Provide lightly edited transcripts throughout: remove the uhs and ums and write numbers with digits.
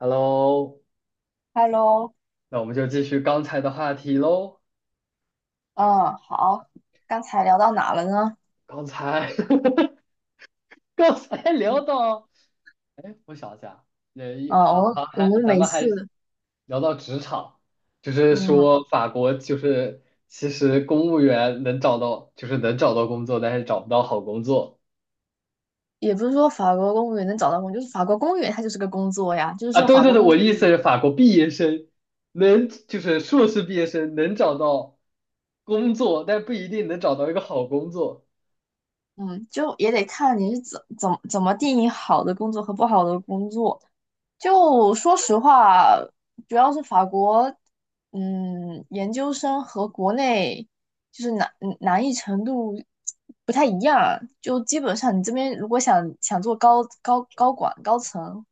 Hello，Hello。那我们就继续刚才的话题喽。嗯，好，刚才聊到哪了呢？刚才，刚才聊到，哎，我想一下，那一嗯，我好们好我还，们咱每们还次，聊到职场。就是嗯，说法国就是其实公务员能找到，就是能找到工作，但是找不到好工作也不是说法国公务员能找到工就是法国公务员它就是个工作呀，就是啊。说对法对国对，工我的作意思是员。法国毕业生能就是硕士毕业生能找到工作，但不一定能找到一个好工作。嗯，就也得看你是怎么定义好的工作和不好的工作。就说实话，主要是法国。嗯，研究生和国内就是难难易程度不太一样。就基本上你这边如果想做高管高层，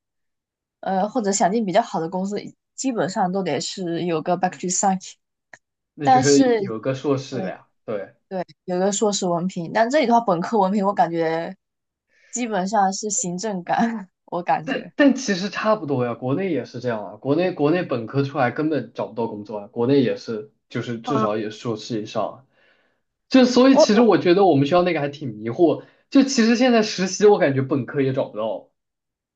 或者想进比较好的公司，基本上都得是有个 bac o 三。那就但是是有个硕士了对，呀。对，对，有个硕士文凭。但这里的话，本科文凭我感觉基本上是行政岗，我感但觉。但其实差不多呀，国内也是这样啊。国内本科出来根本找不到工作啊，国内也是，就是至嗯，少也是硕士以上啊。就所以我其实我我觉得我们学校那个还挺迷惑，就其实现在实习我感觉本科也找不到，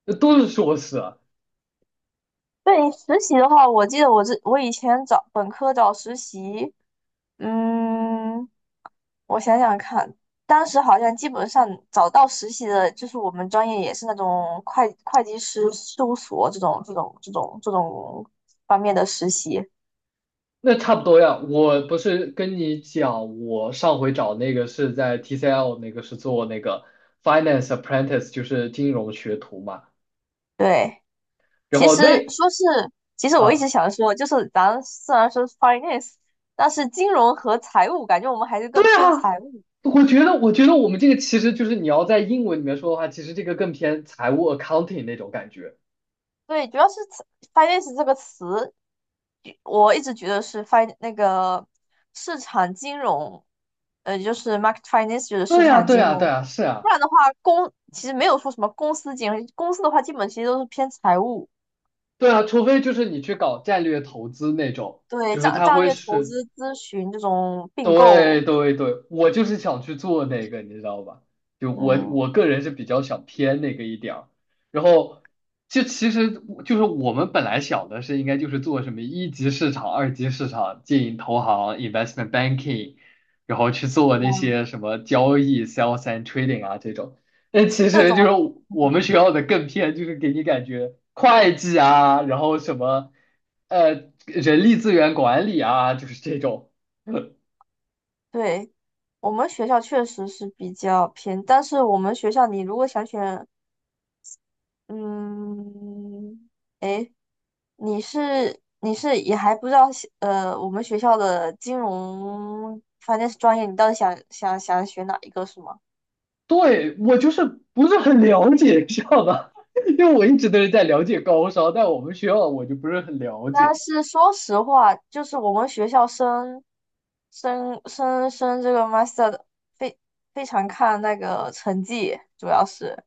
那都是硕士啊。对，实习的话，我记得我以前找本科找实习。嗯，我想想看，当时好像基本上找到实习的，就是我们专业也是那种会计师事务所这种方面的实习。那差不多呀。我不是跟你讲，我上回找那个是在 TCL， 那个是做那个 finance apprentice，就是金融学徒嘛。对，然其后实那说是，其实我一啊。直想说，就是咱虽然说是 finance，但是金融和财务，感觉我们还是更偏财务。我觉得，我觉得我们这个其实就是你要在英文里面说的话，其实这个更偏财务 accounting 那种感觉。对，主要是词 finance 这个词，我一直觉得是 fin 那个市场金融，就是 market finance 就是市对呀，场对金呀，对融。呀，是不啊。然的话，公其实没有说什么公司金融，公司的话基本其实都是偏财务。对啊，除非就是你去搞战略投资那种，对，就是战它战会略投是资咨询这种并对购。对对，我就是想去做那个，你知道吧？就我嗯，我个人是比较想偏那个一点儿，然后就其实就是我们本来想的是应该就是做什么一级市场、二级市场、经营投行、investment banking，然后去做那些什么交易、sales and trading 啊这种。但其这实就是种我们学校的更偏，就是给你感觉会计啊，然后什么人力资源管理啊，就是这种。对，我们学校确实是比较偏，但是我们学校你如果想选。嗯，你是也还不知道西，我们学校的金融反正是专业，你到底想学哪一个是吗？对，我就是不是很了解，知道吧？因为我一直都是在了解高烧，但我们学校我就不是很了但解是说实话，就是我们学校升这个 master 的非非常看那个成绩，主要是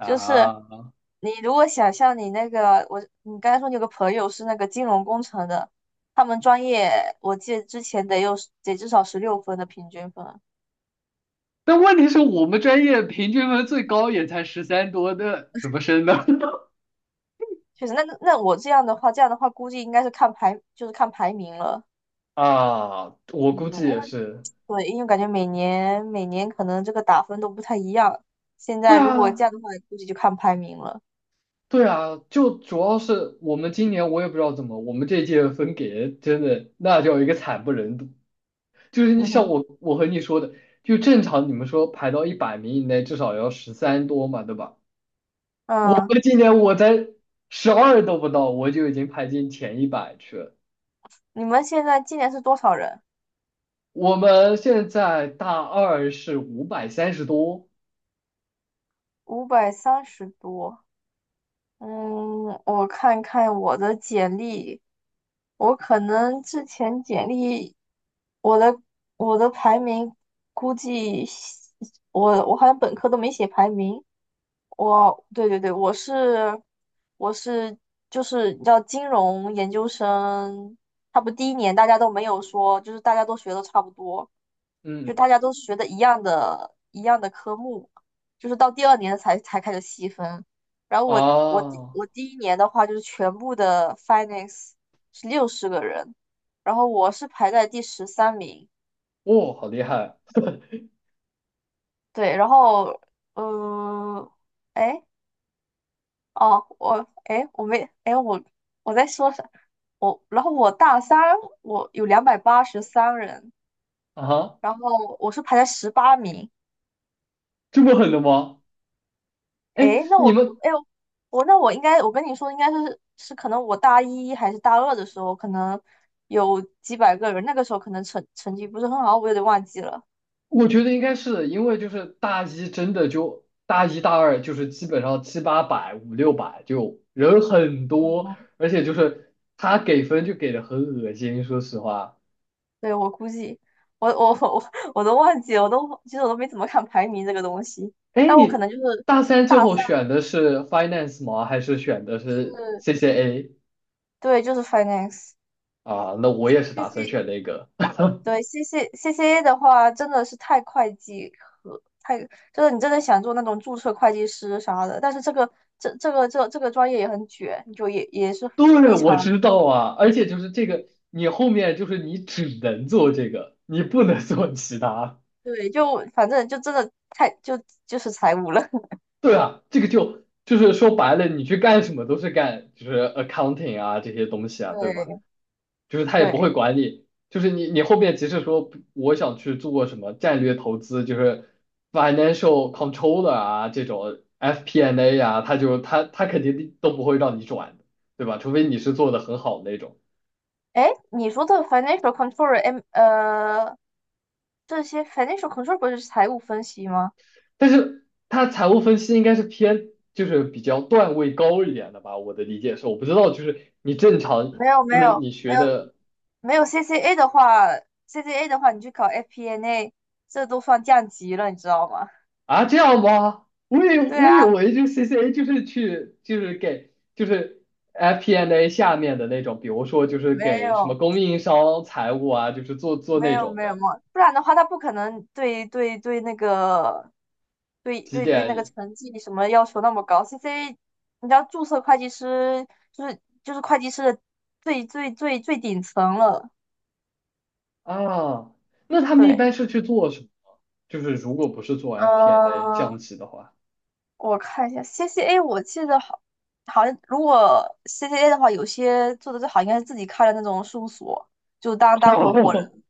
就是啊。你如果想像你那个我你刚才说你有个朋友是那个金融工程的，他们专业我记得之前得有得至少16分的平均分。但问题是我们专业平均分最高也才十三多的，那怎么升呢？确实，那我这样的话，这样的话估计应该是看排，就是看排名了。啊，我嗯，估计因也为是。对，因为感觉每年可能这个打分都不太一样。现在对如果这啊，样的话，估计就看排名了。对啊，就主要是我们今年我也不知道怎么，我们这届分给真的那叫一个惨不忍睹。就是你嗯像哼。我，我和你说的，就正常你们说排到100名以内，至少要十三多嘛，对吧？我嗯，们今年我才12都不到，我就已经排进前100去了。你们现在今年是多少人？我们现在大二是530多。530多。嗯，我看看我的简历，我可能之前简历，我的我的排名估计，我好像本科都没写排名。我对，对，对，我是就是你知道金融研究生，他不第一年大家都没有说，就是大家都学的差不多，就嗯。大家都学的一样的科目，就是到第二年才开始细分。然后啊。我哦，第一年的话就是全部的 finance 是60个人，然后我是排在第13名。好厉害。对，然后嗯。哎。哦，我哎，我没哎，我我在说啥？然后我大三，我有283人，啊哈，然后我是排在18名。这么狠的吗？哎，哎，那你我们，哎呦我那我应该我跟你说，应该是可能我大一还是大二的时候，可能有几百个人，那个时候可能成绩不是很好，我有点忘记了。我觉得应该是因为就是大一真的就大一大二就是基本上七八百五六百就人很多，而且就是他给分就给的很恶心，说实话。对，我估计我 我都忘记了，其实我都没怎么看排名这个东西，哎，但我可你能就是大三最大后三选的是 finance 吗？还是选的是是 CCA 对，就是 finance。啊？那我 C 也是打算 C 选那个。C C A 的话，真的是太会计和太就是你真的想做那种注册会计师啥的，但是这个这个这个专业也很卷，就也也是对，非我知常道啊，而且就是这个，你后面就是你只能做这个，你不能做其他。对，就反正就真的太就就是财务了。对啊，这个就是说白了，你去干什么都是干就是 accounting 啊这些东西啊，对吧？对，就是他也不会对，管你，就是你后面即使说我想去做什么战略投资，就是 financial controller 啊这种 FP&A 啊，他就他他肯定都不会让你转的，对吧？除非你是做的很好的那种，哎，你说的 financial control M 这些 financial control 不是财务分析吗？但是他财务分析应该是偏就是比较段位高一点的吧。我的理解是，我不知道就是你正常没有，就没是有，你没学有。的没有 CCA 的话，CCA 的话，你去考 FPNA，这都算降级了，你知道吗？啊。这样吗？我以对我啊，以为就 CCA 就是去就是给就是 FP&A N 下面的那种，比如说就是没给什么有，供应商财务啊，就是做没那有，种没有，没的有，不然的话，他不可能对对对那个，对几对对那个点成绩什么要求那么高。CCA，你知道注册会计师就是就是会计师的最顶层了。啊？那他们一对。般是去做什么？就是如果不是做 FP&A N 嗯。降级的话，我看一下 CCA，我记得好，好像如果 CCA 的话，有些做的最好应该是自己开的那种事务所，就当 当合伙哦，人。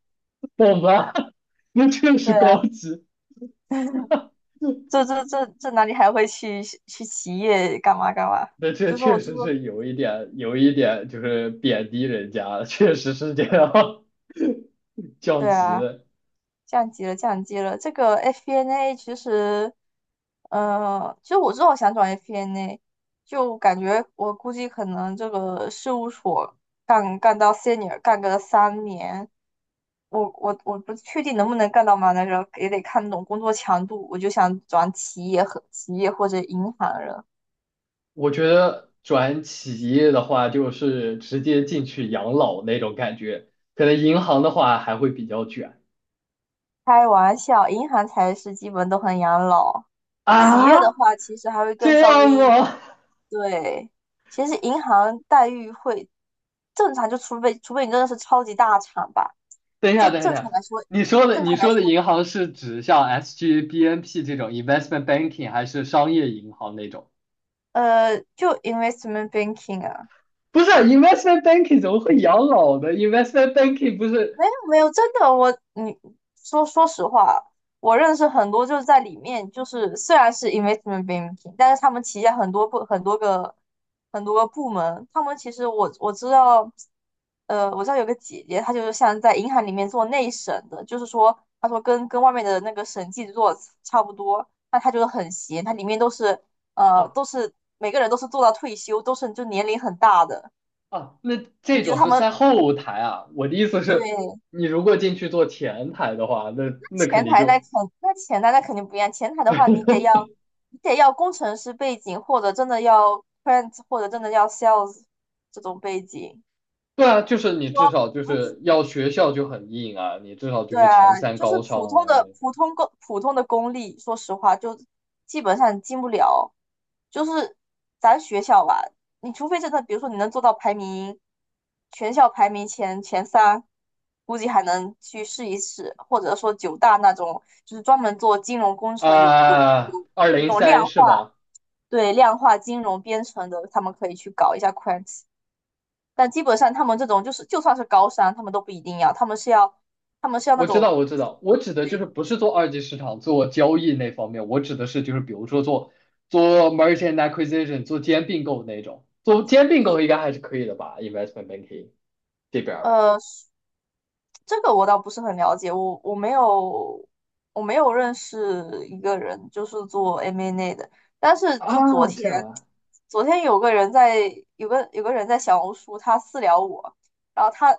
懂吧？那确实对啊，高级，这哪里还会去去企业干嘛干嘛？那这就说确我就实说。是有一点有一点就是贬低人家，确实是这样。 降对级。啊，降级了，降级了。这个 FP&A 其实，其实我之后想转 FP&A，就感觉我估计可能这个事务所干到 senior 干个3年，我不确定能不能干到嘛，但是也得看那种工作强度。我就想转企业和企业或者银行了。我觉得转企业的话，就是直接进去养老那种感觉，可能银行的话还会比较卷开玩笑，银行才是基本都很养老，企业的啊。话其实还会更这稍样微吗？对。其实银行待遇会正常，就除非你真的是超级大厂吧，等一下，正等一下，等一正常下，来说，你说的正你常来说的说，银行是指像 SG、BNP 这种 investment banking，还是商业银行那种？就 investment banking 啊。不是 investment banking 怎么会养老呢？investment banking 不是没有，没有，真的，我你说说实话，我认识很多就是在里面，就是虽然是 investment banking，但是他们旗下很多部很多个部门，他们其实我知道，我知道有个姐姐，她就是像在银行里面做内审的，就是说她说跟外面的那个审计做差不多，那她就是很闲，她里面都是啊。都是每个人都是做到退休，都是就年龄很大的，啊，那你这觉得种他是在们后台啊。我的意思是，对？你如果进去做前台的话，那那肯前定台那就。 肯那前台那肯定不一样，前台的话你得要 你得要工程师背景，或者真的要 print，或者真的要 sales 这种背景。对啊，就是你至说少就不是是要学校就很硬啊，你至少就对是前啊，三就是高普商啊通那的种普通公普通的公立，说实话就基本上进不了。就是咱学校吧，你除非真的，比如说你能做到排名全校排名前三，估计还能去试一试，或者说九大那种，就是专门做金融工程有有啊，有二那零种三量是化，吧？对量化金融编程的，他们可以去搞一下 Quant。但基本上他们这种就是就算是高商，他们都不一定要，他们是要那我知道，种我知道，我指的就对。是不是做二级市场、做交易那方面，我指的是就是比如说做 merchant acquisition、做兼并购那种，做兼并购诶，应该还是可以的吧？investment banking 这边儿呃，这个我倒不是很了解，我没有我没有认识一个人就是做 M&A 的，但是就昨啊。天这样啊，昨天有个人在小红书他私聊我，然后他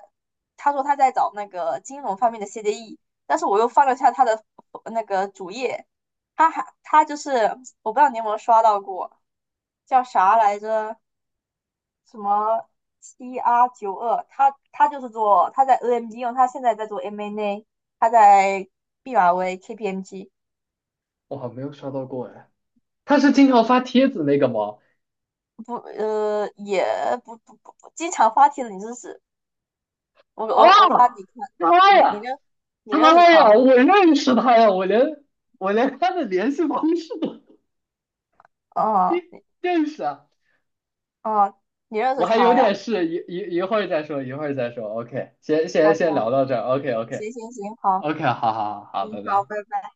他说他在找那个金融方面的 CDE，但是我又翻了一下他的那个主页，他就是我不知道你有没有刷到过，叫啥来着？什么 CR 92，他就是做他在 AMD 用，他现在在做 MNA，他在毕马威 KPMG 我好像没有刷到过哎，他是经常发帖子那个吗？不呃也不不不不经常发帖子，你认识我啊，我我发你看，妈你你呀！认你认识他他呀，吗？我认识他呀，我连他的联系方式都认哦，你认识啊。哦，你认我识还有他呀点事，一会儿再说，一会儿再说。OK，先先？OK 先啊，聊到这儿。OK， 行 OK， 行行，好。OK，好好好，好，嗯，拜好，拜。拜拜。